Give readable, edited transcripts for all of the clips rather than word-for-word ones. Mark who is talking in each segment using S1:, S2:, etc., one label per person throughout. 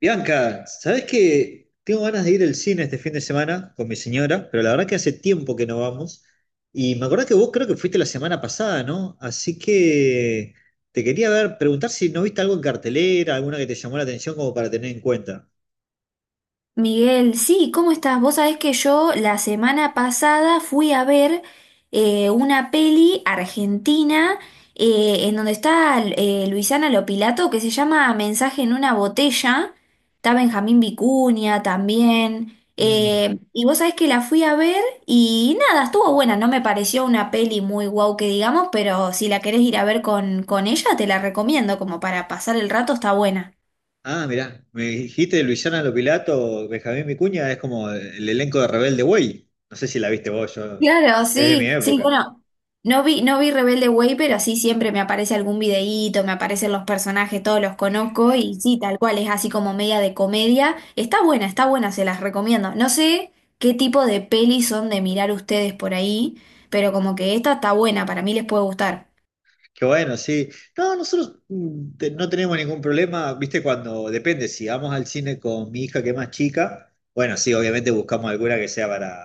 S1: Bianca, ¿sabés que tengo ganas de ir al cine este fin de semana con mi señora? Pero la verdad que hace tiempo que no vamos. Y me acordás que vos creo que fuiste la semana pasada, ¿no? Así que te quería ver, preguntar si no viste algo en cartelera, alguna que te llamó la atención como para tener en cuenta.
S2: Miguel, sí, ¿cómo estás? Vos sabés que yo la semana pasada fui a ver una peli argentina en donde está Luisana Lopilato que se llama Mensaje en una botella. Está Benjamín Vicuña también.
S1: Mm.
S2: Y vos sabés que la fui a ver y nada, estuvo buena. No me pareció una peli muy guau que digamos, pero si la querés ir a ver con ella, te la recomiendo como para pasar el rato, está buena.
S1: Ah, mirá, me dijiste de Luisana Lopilato, Benjamín Vicuña, es como el elenco de Rebelde Way. No sé si la viste vos, yo,
S2: Claro,
S1: es de mi
S2: sí, sí,
S1: época.
S2: bueno, no vi Rebelde Way, pero sí siempre me aparece algún videíto, me aparecen los personajes, todos los conozco y sí, tal cual, es así como media de comedia. Está buena, se las recomiendo. No sé qué tipo de pelis son de mirar ustedes por ahí, pero como que esta está buena, para mí les puede gustar.
S1: Qué bueno, sí. No, nosotros no tenemos ningún problema, viste, cuando depende, si vamos al cine con mi hija que es más chica, bueno, sí, obviamente buscamos alguna que sea para,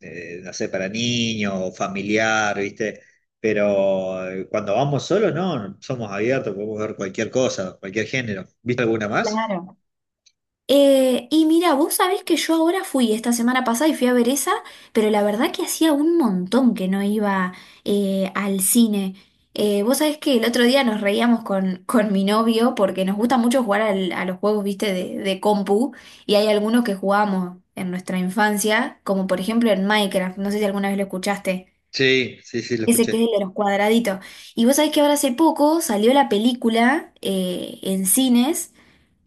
S1: no sé, para niños o familiar, viste, pero cuando vamos solos, no, somos abiertos, podemos ver cualquier cosa, cualquier género. ¿Viste alguna más?
S2: Claro. Y mira, vos sabés que yo ahora fui esta semana pasada y fui a ver esa, pero la verdad que hacía un montón que no iba al cine. Vos sabés que el otro día nos reíamos con mi novio porque nos gusta mucho jugar a los juegos, viste, de compu y hay algunos que jugábamos en nuestra infancia, como por ejemplo en Minecraft, no sé si alguna vez lo escuchaste.
S1: Sí, sí, sí, lo
S2: Ese que
S1: escuché.
S2: es el de los cuadraditos. Y vos sabés que ahora hace poco salió la película en cines.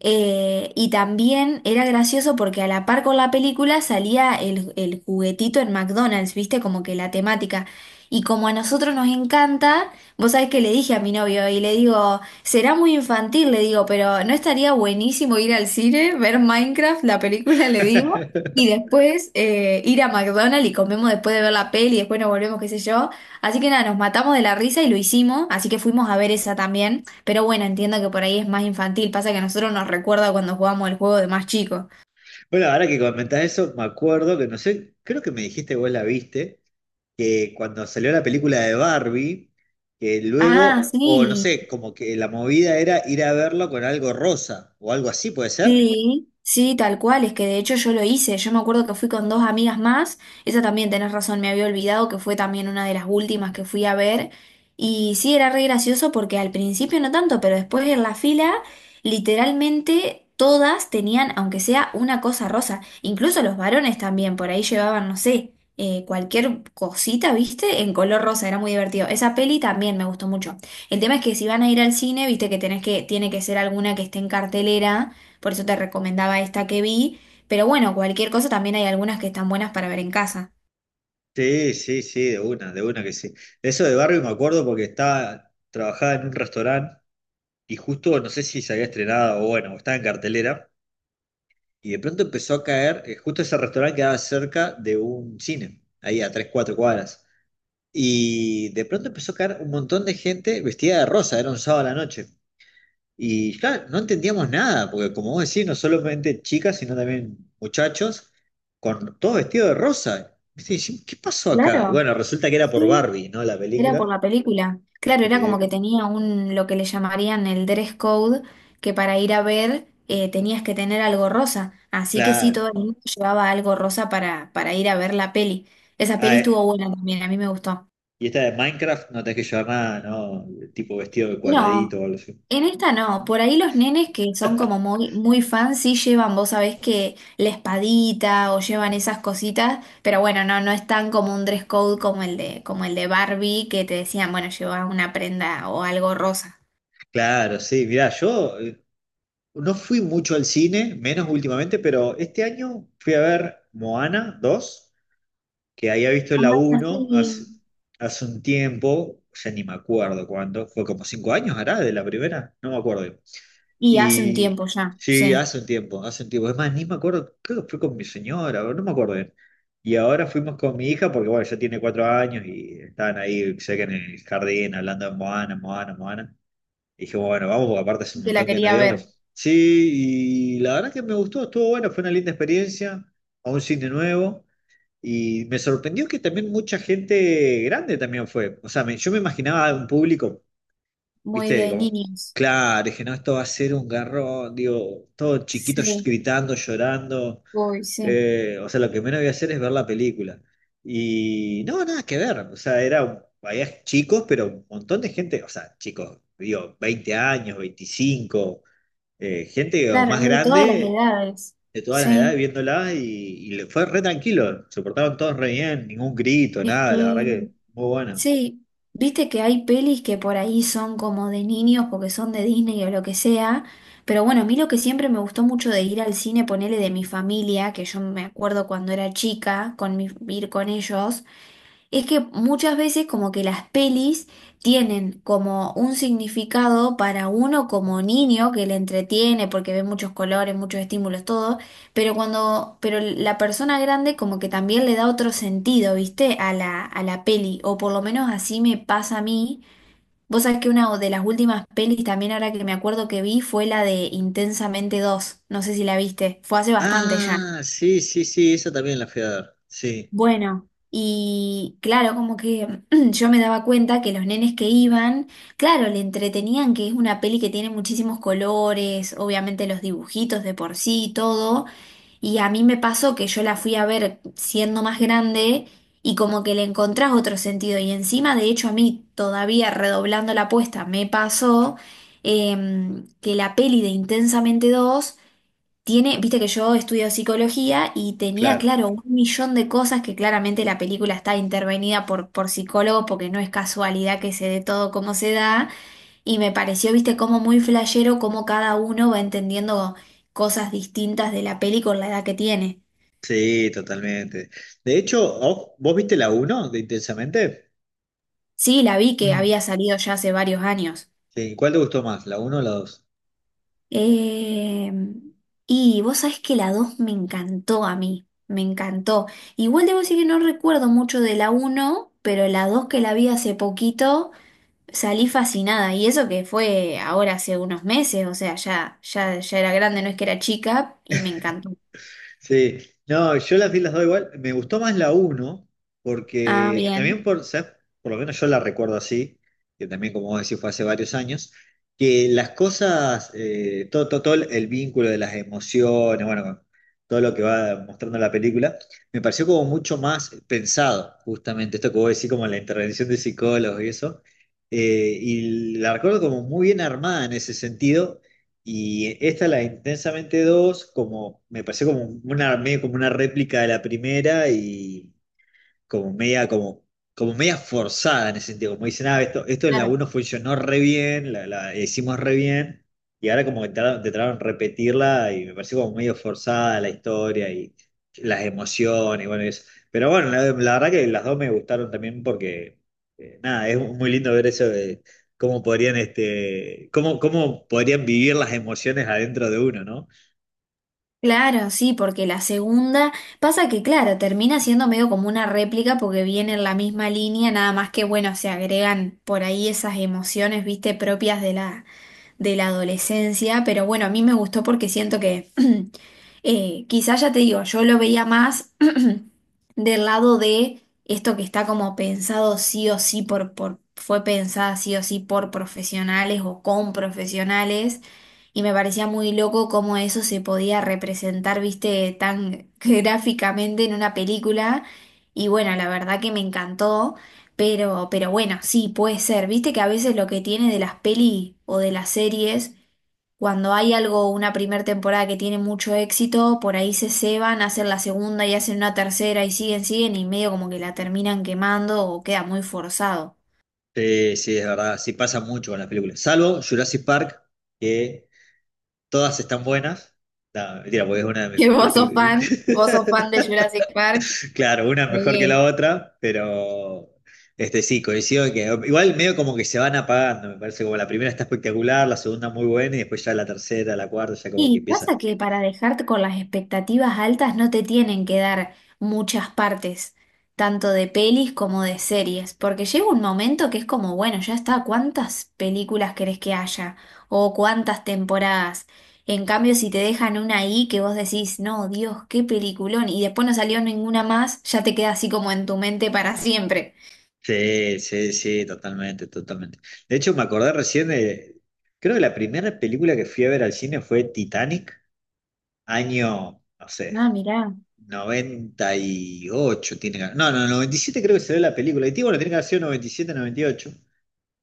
S2: Y también era gracioso porque a la par con la película salía el juguetito en McDonald's, ¿viste? Como que la temática. Y como a nosotros nos encanta, vos sabés que le dije a mi novio y le digo, será muy infantil, le digo, pero ¿no estaría buenísimo ir al cine, ver Minecraft, la película, le digo, y después ir a McDonald's y comemos después de ver la peli y después nos volvemos, qué sé yo? Así que nada, nos matamos de la risa y lo hicimos, así que fuimos a ver esa también. Pero bueno, entiendo que por ahí es más infantil. Pasa que a nosotros nos recuerda cuando jugamos el juego de más chico.
S1: Bueno, ahora que comentás eso, me acuerdo que no sé, creo que me dijiste vos la viste. Que cuando salió la película de Barbie, que
S2: Ah,
S1: luego, o no
S2: sí.
S1: sé, como que la movida era ir a verlo con algo rosa o algo así, ¿puede ser?
S2: Sí, sí, tal cual, es que de hecho yo lo hice, yo me acuerdo que fui con dos amigas más, esa también tenés razón, me había olvidado que fue también una de las últimas que fui a ver, y sí, era re gracioso porque al principio no tanto, pero después en la fila, literalmente todas tenían, aunque sea una cosa rosa, incluso los varones también, por ahí llevaban, no sé, cualquier cosita, ¿viste? En color rosa, era muy divertido. Esa peli también me gustó mucho. El tema es que si van a ir al cine, viste que tenés que, tiene que ser alguna que esté en cartelera por eso te recomendaba esta que vi. Pero bueno, cualquier cosa también hay algunas que están buenas para ver en casa.
S1: Sí, sí, sí, de una que sí. Eso de Barbie me acuerdo porque estaba, trabajaba en un restaurante y justo, no sé si se había estrenado o bueno, o estaba en cartelera, y de pronto empezó a caer, justo ese restaurante quedaba cerca de un cine, ahí a tres, cuatro cuadras. Y de pronto empezó a caer un montón de gente vestida de rosa, era un sábado a la noche. Y claro, no entendíamos nada, porque como vos decís, no solamente chicas, sino también muchachos, con todo vestido de rosa. Viste, y dijimos, ¿qué pasó acá? Y
S2: Claro,
S1: bueno, resulta que era por
S2: sí,
S1: Barbie, ¿no? La
S2: era por
S1: película.
S2: la película. Claro,
S1: Este
S2: era como que
S1: que,
S2: tenía un, lo que le llamarían el dress code, que para ir a ver tenías que tener algo rosa. Así que sí,
S1: claro.
S2: todo el mundo llevaba algo rosa para ir a ver la peli. Esa
S1: Ah,
S2: peli estuvo buena también, a mí me gustó.
S1: y esta de Minecraft, no tenés que llevar nada, ¿no? Tipo vestido de
S2: No,
S1: cuadradito o algo así.
S2: en esta no. Por ahí los nenes que son como muy, muy fans sí llevan, vos sabés que la espadita o llevan esas cositas, pero bueno, no, no es tan como un dress code como el de Barbie, que te decían, bueno, lleva una prenda o algo rosa.
S1: Claro, sí, mirá, yo, no fui mucho al cine, menos últimamente, pero este año fui a ver Moana dos que había visto la
S2: Ah,
S1: uno hace,
S2: sí.
S1: hace un tiempo, ya ni me acuerdo cuándo, fue como 5 años, hará, de la primera, no me acuerdo.
S2: Y hace un
S1: Y
S2: tiempo ya,
S1: sí,
S2: sí,
S1: hace un tiempo, hace un tiempo. Es más, ni me acuerdo, creo que fue con mi señora, o no me acuerdo bien. Y ahora fuimos con mi hija, porque bueno, ya tiene 4 años y estaban ahí, sé que en el jardín, hablando de Moana, Moana, Moana. Y dijimos, bueno, vamos, porque aparte hace un
S2: que la
S1: montón que no
S2: quería ver,
S1: íbamos. Sí, y la verdad que me gustó, estuvo bueno, fue una linda experiencia, a un cine nuevo. Y me sorprendió que también mucha gente grande también fue. O sea, yo me imaginaba un público,
S2: muy
S1: viste,
S2: de
S1: como,
S2: niños.
S1: claro, dije, no, esto va a ser un garrón, digo, todos chiquitos
S2: Sí,
S1: gritando, llorando.
S2: uy, sí.
S1: O sea, lo que menos voy a hacer es ver la película. Y no, nada que ver. O sea, era, había chicos, pero un montón de gente, o sea, chicos, digo, 20 años, 25, gente o
S2: Claro,
S1: más
S2: de todas las
S1: grande
S2: edades.
S1: de todas las
S2: Sí,
S1: edades viéndolas y le fue re tranquilo. Se portaban todos re bien, ningún grito,
S2: es
S1: nada, la verdad
S2: que
S1: que muy bueno.
S2: sí, viste que hay pelis que por ahí son como de niños porque son de Disney o lo que sea, pero bueno, a mí lo que siempre me gustó mucho de ir al cine, ponerle de mi familia, que yo me acuerdo cuando era chica, con mi, ir con ellos. Es que muchas veces como que las pelis tienen como un significado para uno como niño que le entretiene porque ve muchos colores, muchos estímulos, todo, pero cuando, pero la persona grande como que también le da otro sentido, ¿viste? A la peli, o por lo menos así me pasa a mí. Vos sabés que una de las últimas pelis también ahora que me acuerdo que vi fue la de Intensamente dos no sé si la viste, fue hace bastante ya.
S1: Ah, sí, sí, sí, esa también la fui a ver. Sí,
S2: Bueno, y claro, como que yo me daba cuenta que los nenes que iban, claro, le entretenían que es una peli que tiene muchísimos colores, obviamente los dibujitos de por sí y todo, y a mí me pasó que yo la fui a ver siendo más grande y como que le encontrás otro sentido, y encima, de hecho, a mí todavía redoblando la apuesta me pasó que la peli de Intensamente dos tiene, viste que yo estudio psicología y tenía,
S1: claro.
S2: claro, un millón de cosas que claramente la película está intervenida por psicólogos porque no es casualidad que se dé todo como se da. Y me pareció, viste, como muy flashero como cada uno va entendiendo cosas distintas de la peli con la edad que tiene.
S1: Sí, totalmente. De hecho, ¿vos viste la uno de Intensamente?
S2: Sí, la vi que
S1: Mm.
S2: había salido ya hace varios años.
S1: Sí, ¿cuál te gustó más, la uno o la dos?
S2: Eh, y vos sabés que la 2 me encantó a mí, me encantó. Igual debo decir que no recuerdo mucho de la uno, pero la 2 que la vi hace poquito salí fascinada. Y eso que fue ahora hace unos meses, o sea, ya, ya, ya era grande, no es que era chica, y me encantó.
S1: Sí, no, yo las vi las dos igual. Me gustó más la uno
S2: Ah,
S1: porque también
S2: bien.
S1: por, ¿sabes? Por lo menos yo la recuerdo así, que también, como vos decís, fue hace varios años, que las cosas, todo el vínculo de las emociones, bueno, todo lo que va mostrando la película, me pareció como mucho más pensado, justamente, esto que vos decís, como la intervención de psicólogos y eso. Eh, y la recuerdo como muy bien armada en ese sentido. Y esta, la de Intensamente dos como, me pareció como una, medio como una réplica de la primera y, como media, como, como media forzada en ese sentido. Como dicen, ah, esto en la
S2: Claro.
S1: uno funcionó re bien, la hicimos re bien, y ahora como que trataron de repetirla y me pareció como medio forzada la historia y las emociones, y bueno, y eso. Pero bueno, la verdad que las dos me gustaron también porque, nada, es muy lindo ver eso de cómo podrían, este, cómo podrían vivir las emociones adentro de uno, ¿no?
S2: Claro, sí, porque la segunda pasa que, claro, termina siendo medio como una réplica porque viene en la misma línea, nada más que, bueno, se agregan por ahí esas emociones, viste, propias de la adolescencia, pero bueno, a mí me gustó porque siento que quizás ya te digo, yo lo veía más del lado de esto que está como pensado sí o sí fue pensada sí o sí por profesionales o con profesionales, y me parecía muy loco cómo eso se podía representar, viste, tan gráficamente en una película, y bueno, la verdad que me encantó, pero bueno, sí, puede ser, viste que a veces lo que tiene de las peli o de las series cuando hay algo, una primera temporada que tiene mucho éxito, por ahí se ceban, hacen la segunda y hacen una tercera y siguen, siguen y medio como que la terminan quemando o queda muy forzado.
S1: Sí, sí, es verdad, sí pasa mucho con las películas. Salvo Jurassic Park, que todas están buenas. No, mentira, porque es una de
S2: ¿Y
S1: las
S2: vos sos
S1: películas.
S2: fan? ¿Vos sos fan de Jurassic Park?
S1: Claro, una mejor que
S2: Sí.
S1: la otra, pero este sí, coincido en que igual medio como que se van apagando, me parece como la primera está espectacular, la segunda muy buena y después ya la tercera, la cuarta, ya como que
S2: Y
S1: empieza.
S2: pasa que para dejarte con las expectativas altas no te tienen que dar muchas partes, tanto de pelis como de series, porque llega un momento que es como, bueno, ya está, ¿cuántas películas querés que haya? O cuántas temporadas. En cambio, si te dejan una ahí que vos decís, no, Dios, qué peliculón, y después no salió ninguna más, ya te queda así como en tu mente para siempre.
S1: Sí, sí, sí, totalmente, totalmente. De hecho, me acordé recién de, creo que la primera película que fui a ver al cine fue Titanic, año, no sé,
S2: Ah, mirá,
S1: 98 tiene que- No, no, 97 creo que se ve la película. Bueno, tiene que haber sido 97, 98.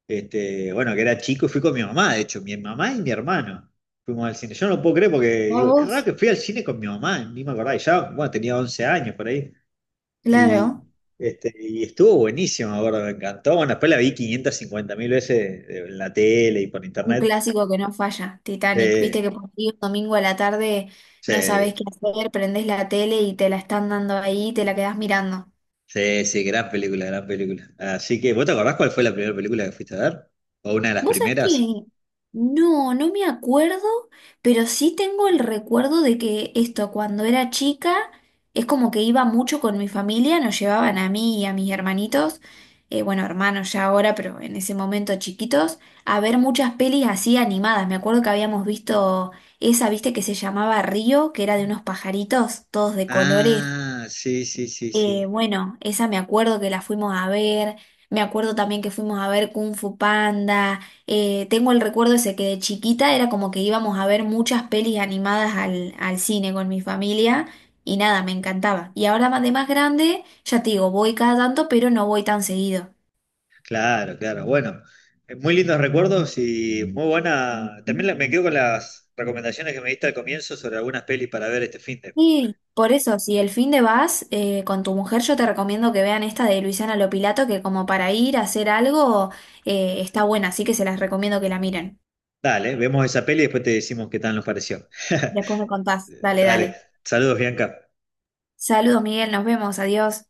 S1: Este, bueno, que era chico y fui con mi mamá, de hecho, mi mamá y mi hermano fuimos al cine. Yo no lo puedo creer porque
S2: ya
S1: digo, qué raro
S2: vos.
S1: que fui al cine con mi mamá, ni me acordaba. Y ya, bueno, tenía 11 años por ahí. Y,
S2: Claro.
S1: este, y estuvo buenísimo, me acuerdo, me encantó. Bueno, después la vi 550.000 veces en la tele y por
S2: Un
S1: internet.
S2: clásico que no falla, Titanic. Viste
S1: Eh,
S2: que por ahí un domingo a la tarde no sabes
S1: sí,
S2: qué hacer, prendés la tele y te la están dando ahí y te la quedás mirando.
S1: sí, sí, gran película, gran película. Así que, ¿vos te acordás cuál fue la primera película que fuiste a ver? ¿O una de las
S2: Vos sabés
S1: primeras?
S2: que no, no me acuerdo, pero sí tengo el recuerdo de que esto, cuando era chica, es como que iba mucho con mi familia, nos llevaban a mí y a mis hermanitos, bueno, hermanos ya ahora, pero en ese momento chiquitos, a ver muchas pelis así animadas. Me acuerdo que habíamos visto esa, viste, que se llamaba Río, que era de unos pajaritos, todos de colores
S1: Ah, sí, sí, sí, sí.
S2: bueno, esa me acuerdo que la fuimos a ver, me acuerdo también que fuimos a ver Kung Fu Panda, tengo el recuerdo ese que de chiquita era como que íbamos a ver muchas pelis animadas al cine con mi familia y nada, me encantaba. Y ahora más de más grande, ya te digo, voy cada tanto, pero no voy tan seguido.
S1: Claro, claro. Bueno, muy lindos recuerdos y muy buena. También me quedo con las recomendaciones que me diste al comienzo sobre algunas pelis para ver este fin de.
S2: Y por eso, si el fin de vas con tu mujer, yo te recomiendo que vean esta de Luisana Lopilato, que como para ir a hacer algo está buena, así que se las recomiendo que la miren.
S1: Dale, vemos esa peli y después te decimos qué tal nos pareció.
S2: Después me contás, dale,
S1: Dale,
S2: dale.
S1: saludos, Bianca.
S2: Saludos, Miguel, nos vemos, adiós.